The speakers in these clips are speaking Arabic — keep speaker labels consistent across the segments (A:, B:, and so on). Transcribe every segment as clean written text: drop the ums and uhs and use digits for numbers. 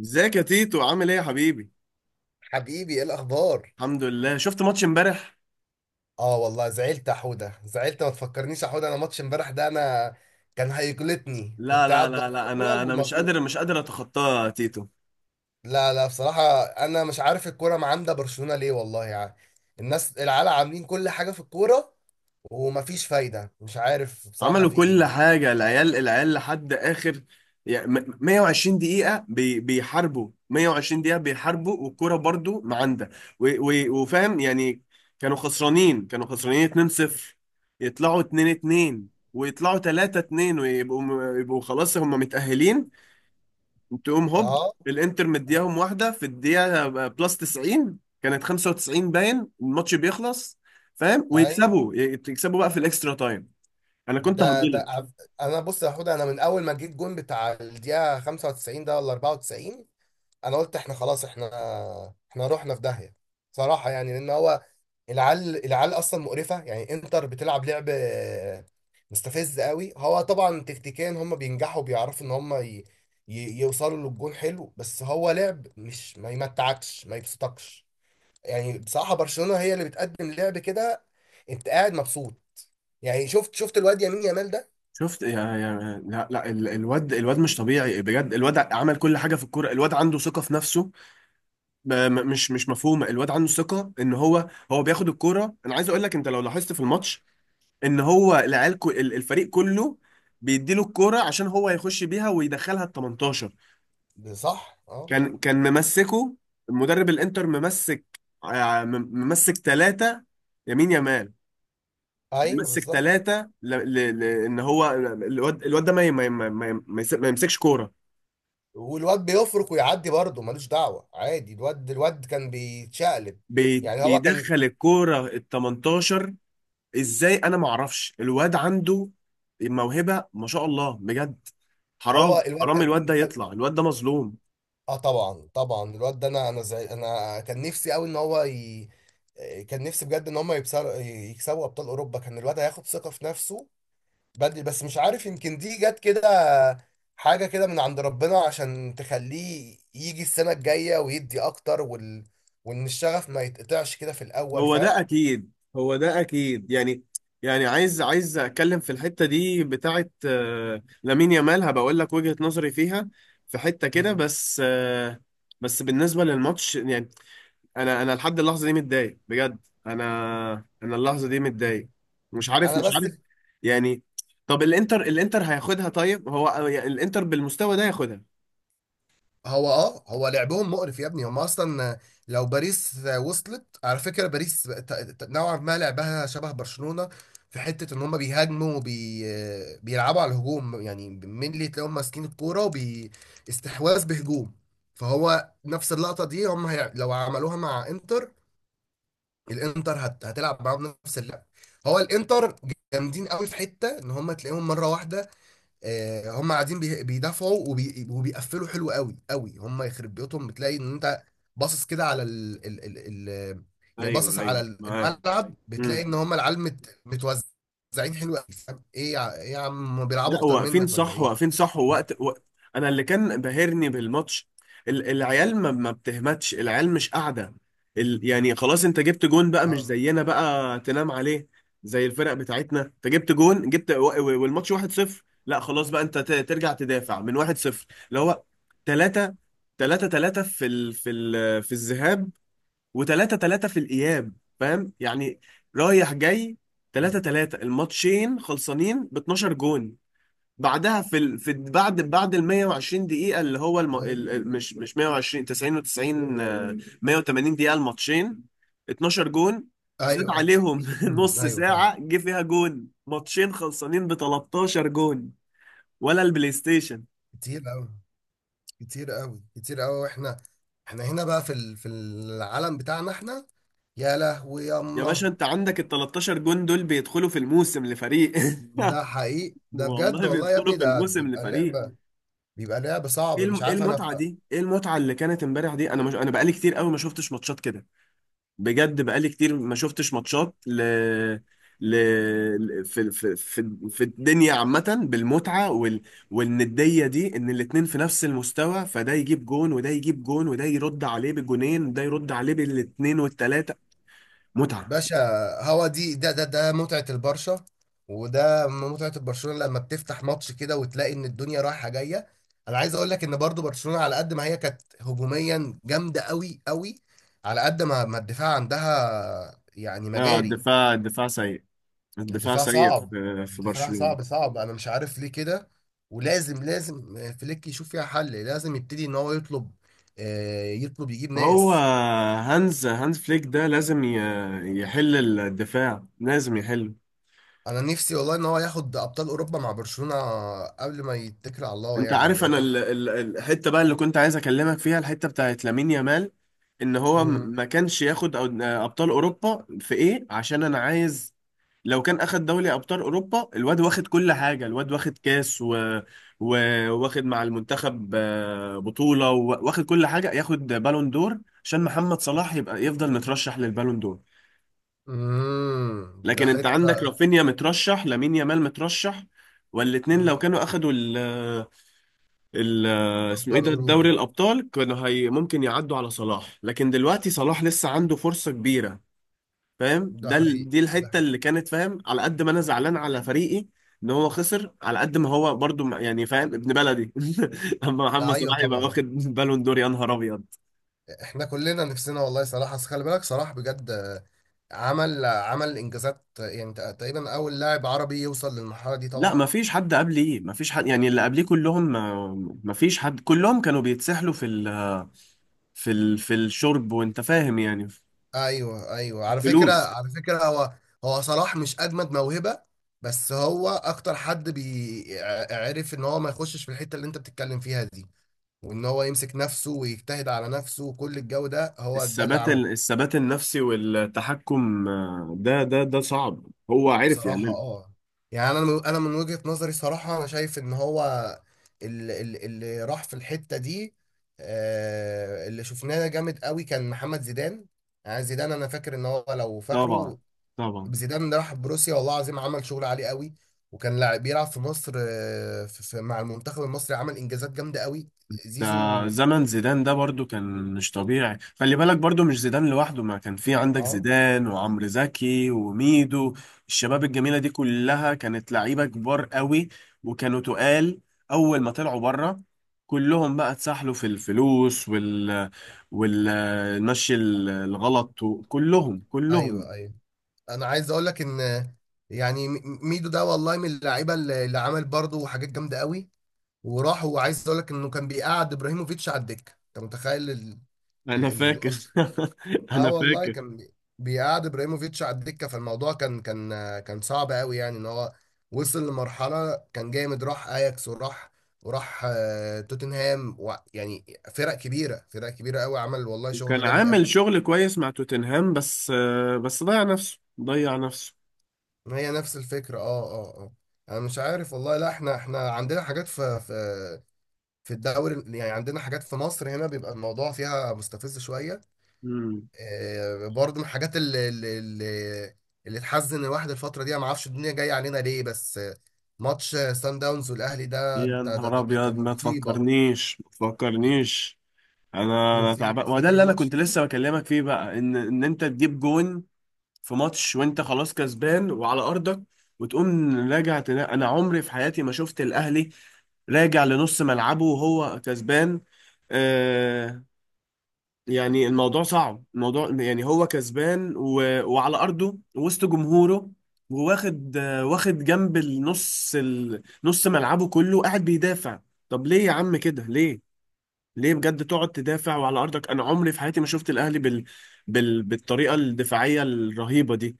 A: ازيك يا تيتو، عامل ايه يا حبيبي؟
B: حبيبي، ايه الاخبار؟
A: الحمد لله. شفت ماتش امبارح؟
B: اه، والله زعلت يا حوده، زعلت، ما تفكرنيش يا حوده. انا ماتش امبارح ده انا كان هيجلطني،
A: لا،
B: كنت
A: لا،
B: قاعد
A: لا، لا، انا
B: بتفرج
A: انا مش
B: ومجلوط.
A: قادر، مش قادر اتخطاه يا تيتو.
B: لا لا، بصراحه انا مش عارف الكوره معاندة برشلونه ليه، والله يعني الناس العيال عاملين كل حاجه في الكوره، ومفيش فايده، مش عارف بصراحه
A: عملوا
B: في ايه.
A: كل حاجه العيال لحد اخر. يعني 120 دقيقه بيحاربوا، 120 دقيقه بيحاربوا، والكوره برضو معاندة. وفاهم يعني. كانوا خسرانين، كانوا خسرانين 2-0، يطلعوا 2-2، ويطلعوا 3-2، ويبقوا خلاص هم متأهلين. تقوم هوب،
B: اه.
A: الانتر مدياهم واحده في الدقيقه بلس 90، كانت 95، باين الماتش بيخلص. فاهم؟
B: اي.
A: ويكسبوا بقى في الاكسترا تايم. انا كنت
B: ده
A: هبلت.
B: انا بص يا حوده، انا من اول ما جيت جون بتاع الدقيقه 95 ده ولا 94؟ انا قلت احنا خلاص، احنا رحنا في داهيه. صراحه يعني لان هو العيال العيال اصلا مقرفه، يعني انتر بتلعب لعب مستفز قوي. هو طبعا تكتيكيا هم بينجحوا، بيعرفوا ان هم يوصلوا للجون حلو، بس هو لعب مش ما يمتعكش ما يبسطكش. يعني بصراحه برشلونه هي اللي بتقدم لعب كده، انت قاعد مبسوط. يعني شفت الواد يمين يامال.
A: شفت يا لا، لا، الواد مش طبيعي بجد. الواد عمل كل حاجه في الكوره، الواد عنده ثقه في نفسه. مش مفهومه. الواد عنده ثقه ان هو بياخد الكوره. انا عايز اقول لك، انت لو لاحظت في الماتش ان هو العيال الفريق كله بيديله الكوره عشان هو يخش بيها ويدخلها ال 18.
B: ده صح. اه.
A: كان ممسكه المدرب الانتر. ممسك، ممسك ثلاثة، يمين يمال.
B: ايوه
A: ممسك
B: بالظبط.
A: ثلاثة، ان هو الواد، الواد ده ما ي- ما ي- ما ي- ما يس- ما يمسكش كورة.
B: والواد بيفرق ويعدي برضه ملوش دعوه عادي، الواد الواد كان بيتشقلب، يعني هو كان،
A: بيدخل الكورة ال 18. ازاي؟ انا ما اعرفش، الواد عنده موهبة ما شاء الله بجد. حرام،
B: هو الواد
A: حرام الواد
B: كان,
A: ده
B: كان
A: يطلع، الواد ده مظلوم.
B: اه طبعا طبعا الواد ده، انا زي انا كان نفسي قوي ان هو كان نفسي بجد ان هم يكسبوا ابطال اوروبا، كان الواد هياخد ثقه في نفسه بدري، بس مش عارف، يمكن دي جت كده حاجه كده من عند ربنا عشان تخليه يجي السنه الجايه ويدي اكتر وان الشغف ما يتقطعش كده في الاول،
A: هو ده
B: فاهم.
A: اكيد، هو ده اكيد يعني. يعني عايز اتكلم في الحته دي بتاعه لامين يامال، هبقول لك وجهه نظري فيها في حته كده
B: مم.
A: بس بس بالنسبه للماتش يعني انا لحد اللحظه دي متضايق بجد. انا، انا اللحظه دي متضايق. مش عارف،
B: انا
A: مش
B: بس.
A: عارف يعني. طب الانتر، الانتر هياخدها؟ طيب هو يعني الانتر بالمستوى ده ياخدها؟
B: هو هو لعبهم مقرف يا ابني، هم اصلا لو باريس وصلت، على فكره باريس نوعا ما لعبها شبه برشلونه في حته ان هم بيهاجموا بيلعبوا على الهجوم، يعني مين تلاقيهم ماسكين الكوره استحواذ بهجوم. فهو نفس اللقطه دي، هم لو عملوها مع انتر، الانتر هتلعب معاهم نفس اللعب. هو الانتر جامدين قوي في حته ان هم تلاقيهم مره واحده، هم قاعدين بيدافعوا وبيقفلوا حلو قوي قوي. هم يخرب بيوتهم، بتلاقي ان انت باصص كده على يعني باصص
A: ايوه،
B: على
A: ايوه، معاك.
B: الملعب، بتلاقي ان هم العيال متوزعين حلو قوي، فاهم؟ ايه يا عم، هم بيلعبوا
A: لا،
B: اكتر
A: واقفين
B: منك ولا
A: صح،
B: ايه؟
A: واقفين صح، ووقت وقت. انا اللي كان بهرني بالماتش، العيال ما بتهمتش، العيال مش قاعده. يعني خلاص، انت جبت جون بقى مش
B: اه.
A: زينا بقى تنام عليه زي الفرق بتاعتنا. انت جبت جون، جبت والماتش 1-0. لا خلاص بقى، انت ترجع تدافع من 1-0؟ اللي هو 3، 3 في في الذهاب، و3، 3 في الاياب. فاهم يعني؟ رايح جاي،
B: مم.
A: 3 3، الماتشين خلصانين ب 12 جون. بعدها في في بعد، بعد ال 120 دقيقة اللي هو
B: ايوه،
A: مش 120، 90 و90 180 دقيقة الماتشين، 12 جون. زاد
B: ايوه.
A: عليهم نص
B: ايوه، فاهم.
A: ساعة جه فيها جون، ماتشين خلصانين ب 13 جون، ولا البلاي ستيشن.
B: كتير قوي، كتير قوي، كتير قوي، واحنا احنا هنا بقى في العالم بتاعنا احنا، يا لهوي
A: يا باشا
B: ياما.
A: انت عندك ال 13 جون دول بيدخلوا في الموسم لفريق
B: ده حقيقي، ده بجد
A: والله
B: والله يا
A: بيدخلوا
B: ابني،
A: في
B: ده
A: الموسم
B: بيبقى
A: لفريق.
B: لعبة، بيبقى لعبة صعبة، مش
A: إيه
B: عارف انا.
A: المتعة دي؟ ايه المتعة اللي كانت امبارح دي؟ انا بقالي كتير قوي ما شفتش ماتشات كده، بجد بقالي كتير ما شفتش ماتشات ل... في في الدنيا عامة، بالمتعة والندية دي، ان الاتنين في نفس المستوى، فده يجيب جون، وده يجيب جون، وده يرد عليه بجونين، وده يرد عليه بالاتنين والتلاتة. متعة.
B: باشا، هو دي ده متعة البرشا، وده متعة البرشلونة لما بتفتح ماتش كده وتلاقي ان الدنيا رايحة جاية. انا عايز اقول لك ان برضو برشلونة على قد ما هي كانت هجوميا جامدة قوي قوي، على قد ما الدفاع عندها يعني
A: اه،
B: مجاري،
A: الدفاع سيء، الدفاع
B: الدفاع
A: سيء
B: صعب،
A: في
B: الدفاع
A: برشلونة.
B: صعب صعب، انا مش عارف ليه كده. ولازم لازم فليك يشوف فيها حل، لازم يبتدي ان هو يطلب، يطلب يجيب
A: هو
B: ناس.
A: هانز، هانز فليك ده لازم يحل الدفاع، لازم يحله.
B: انا نفسي والله ان هو ياخد ابطال اوروبا مع برشلونة قبل ما يتكل على الله،
A: انت
B: يعني
A: عارف،
B: لان.
A: انا الحته بقى اللي كنت عايز اكلمك فيها، الحته بتاعت لامين يامال، ان هو
B: مم.
A: ما كانش ياخد ابطال اوروبا في ايه؟ عشان انا عايز، لو كان اخد دوري ابطال اوروبا، الواد واخد كل حاجه، الواد واخد كاس و... واخد مع المنتخب بطوله، واخد كل حاجه، ياخد بالون دور، عشان محمد صلاح يبقى يفضل مترشح للبالون دور.
B: مم. ده
A: لكن انت
B: حته.
A: عندك رافينيا مترشح، لامين يامال مترشح، والاتنين
B: مم.
A: لو كانوا اخدوا ال- اسمه ايه
B: ابطال
A: ده،
B: اوروبا.
A: دوري الابطال، كانوا هي ممكن يعدوا على صلاح. لكن دلوقتي صلاح لسه عنده فرصه كبيره. فاهم؟
B: ده
A: ده
B: حقيقي،
A: دي
B: ده.
A: الحته اللي كانت، فاهم، على قد ما انا زعلان على فريقي ان هو خسر، على قد ما هو برضو يعني فاهم، ابن بلدي. اما محمد
B: ايوه
A: صلاح يبقى
B: طبعا،
A: واخد بالون دور، يا نهار ابيض.
B: احنا كلنا نفسنا والله صلاح، اصل خلي بالك صلاح بجد، عمل انجازات، يعني تقريبا اول لاعب عربي يوصل للمرحله دي
A: لا ما
B: طبعا.
A: فيش حد قبلي، ما فيش حد يعني، اللي قبليه كلهم ما، ما فيش حد، كلهم كانوا بيتسحلوا في ال، في ال، في الشرب، وانت فاهم يعني،
B: ايوه ايوه، على فكره،
A: فلوس.
B: على فكره هو صلاح مش اجمد موهبه، بس هو اكتر حد بيعرف ان هو ما يخشش في الحته اللي انت بتتكلم فيها دي، وان هو يمسك نفسه ويجتهد على نفسه وكل الجو ده هو ده اللي
A: الثبات،
B: عمل.
A: الثبات النفسي والتحكم ده صعب، هو عرف
B: بصراحة
A: يعمله.
B: يعني انا من وجهة نظري صراحة انا شايف ان هو اللي راح في الحتة دي، اللي شفناه جامد قوي كان محمد زيدان. يعني زيدان انا فاكر ان هو، لو
A: طبعا،
B: فاكره،
A: طبعا
B: زيدان اللي راح بروسيا والله العظيم عمل شغل عالي قوي، وكان لاعب بيلعب في مصر، مع المنتخب المصري، عمل انجازات جامدة قوي،
A: ده
B: زيزو.
A: زمن زيدان ده برضو كان مش طبيعي، خلي بالك برضو مش زيدان لوحده، ما كان في عندك
B: اه.
A: زيدان وعمرو زكي وميدو. الشباب الجميلة دي كلها كانت لعيبة كبار قوي وكانوا تقال. أول ما طلعوا بره، كلهم بقى اتسحلوا في الفلوس وال، والمشي الغلط، وكلهم.
B: ايوه، ايوه. انا عايز اقول لك ان يعني ميدو ده والله من اللعيبة اللي عمل برضه حاجات جامدة قوي، وراح، وعايز اقول لك انه كان بيقعد ابراهيموفيتش على الدكه، انت متخيل ال...
A: انا
B: ال...
A: فاكر
B: اه
A: انا
B: والله
A: فاكر،
B: كان بيقعد ابراهيموفيتش على الدكه، فالموضوع كان كان صعب قوي، يعني ان هو وصل لمرحله كان جامد، راح اياكس، وراح توتنهام يعني فرق كبيره، فرق كبيره قوي، عمل والله
A: وكان
B: شغل جامد قوي.
A: عامل شغل كويس مع توتنهام بس، بس ضيع نفسه، ضيع نفسه.
B: هي نفس الفكره. اه اه اه، انا مش عارف والله، لا احنا عندنا حاجات في الدوري، يعني عندنا حاجات في مصر، هنا بيبقى الموضوع فيها مستفز شويه،
A: امم.
B: برضه من الحاجات اللي تحزن الواحد الفترة دي. أنا ما اعرفش الدنيا جاية علينا ليه، بس ماتش سان داونز والأهلي ده،
A: يا
B: أنت ده, ده,
A: نهار
B: ده
A: ابيض،
B: كان
A: ما
B: مصيبة.
A: تفكرنيش، ما تفكرنيش. انا
B: مصيبة،
A: تعبان، وده
B: فاكر
A: اللي انا
B: الماتش
A: كنت لسه بكلمك فيه بقى، ان انت تجيب جون في ماتش وانت خلاص كسبان وعلى ارضك، وتقوم راجع انا عمري في حياتي ما شفت الاهلي راجع لنص ملعبه وهو كسبان. آه، يعني الموضوع صعب، الموضوع يعني هو كسبان وعلى أرضه وسط جمهوره، وواخد واخد جنب النص، نص ملعبه كله قاعد بيدافع. طب ليه يا عم كده؟ ليه، ليه بجد تقعد تدافع وعلى أرضك؟ أنا عمري في حياتي ما شفت الأهلي بالطريقة الدفاعية الرهيبة دي.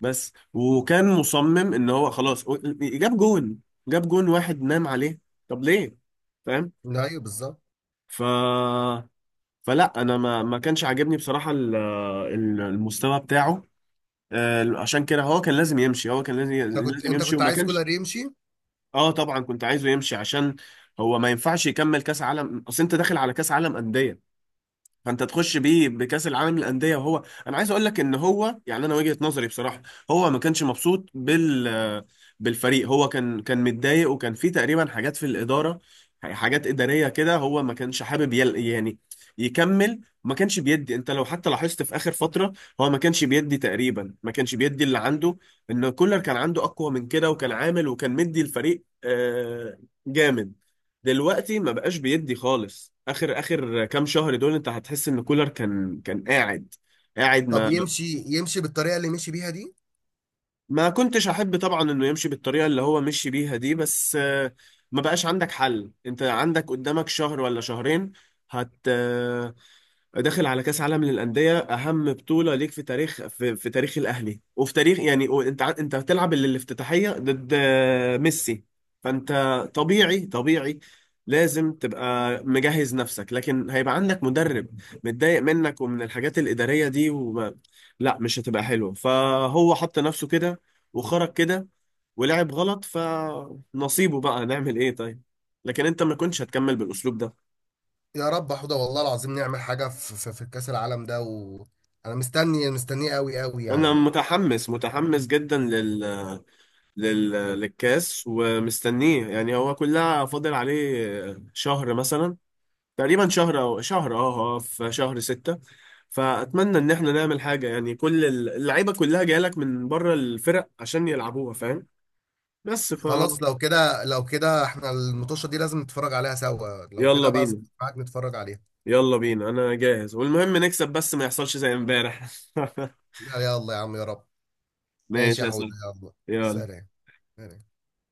A: بس وكان مصمم إن هو خلاص جاب جون، جاب جون واحد، نام عليه. طب ليه؟ فاهم؟
B: ده؟ أيوه بالظبط.
A: ف فلا انا ما كانش عاجبني بصراحه، المستوى بتاعه. عشان كده هو كان لازم يمشي، هو كان لازم،
B: أنت كنت
A: لازم
B: أنت
A: يمشي
B: كنت
A: وما
B: عايز
A: كانش.
B: كولر يمشي.
A: اه طبعا كنت عايزه يمشي، عشان هو ما ينفعش يكمل كاس عالم. اصل انت داخل على كاس عالم انديه، فانت تخش بيه بكاس العالم للانديه، وهو، انا عايز اقول لك ان هو يعني، انا وجهه نظري بصراحه، هو ما كانش مبسوط بالفريق، هو كان متضايق، وكان في تقريبا حاجات في الاداره، حاجات اداريه كده. هو ما كانش حابب يعني يكمل، ما كانش بيدي. انت لو حتى لاحظت في اخر فتره، هو ما كانش بيدي، تقريبا ما كانش بيدي اللي عنده. ان كولر كان عنده اقوى من كده، وكان عامل، وكان مدي الفريق جامد. دلوقتي ما بقاش بيدي خالص، اخر، اخر كام شهر دول انت هتحس ان كولر كان، كان قاعد، قاعد
B: طب
A: ما.
B: يمشي بالطريقة اللي مشي بيها دي.
A: ما كنتش احب طبعا انه يمشي بالطريقه اللي هو مشي بيها دي، بس ما بقاش عندك حل. انت عندك قدامك شهر ولا شهرين، هت داخل على كأس عالم للأندية، أهم بطولة ليك في تاريخ، في، في تاريخ الأهلي، وفي تاريخ يعني، أنت أنت هتلعب الافتتاحية ضد ميسي. فأنت، طبيعي، طبيعي لازم تبقى مجهز نفسك. لكن هيبقى عندك مدرب متضايق منك ومن الحاجات الإدارية دي، وما، لا مش هتبقى حلوة. فهو حط نفسه كده وخرج كده ولعب غلط، فنصيبه بقى، نعمل إيه؟ طيب. لكن أنت ما كنتش هتكمل بالأسلوب ده.
B: يا رب حوده، والله العظيم نعمل حاجة في كأس العالم ده، وأنا مستني، مستنيه قوي قوي،
A: انا
B: يعني
A: متحمس، متحمس جدا للكاس، ومستنيه يعني، هو كلها فاضل عليه شهر مثلا، تقريبا شهر او شهر، في شهر ستة. فاتمنى ان احنا نعمل حاجة، يعني كل اللعيبة كلها جايلك من بره الفرق عشان يلعبوها. فاهم؟ بس ف
B: خلاص. لو كده احنا المطوشة دي لازم نتفرج عليها سوا، لو
A: يلا
B: كده بقى.
A: بينا،
B: معاك نتفرج عليها.
A: يلا بينا، انا جاهز، والمهم نكسب بس ما يحصلش زي امبارح.
B: لا، يلا يا عم، يا رب. ماشي
A: ماشي
B: يا
A: يا
B: حوده،
A: سلام،
B: يلا.
A: يلا.
B: سلام. سلام.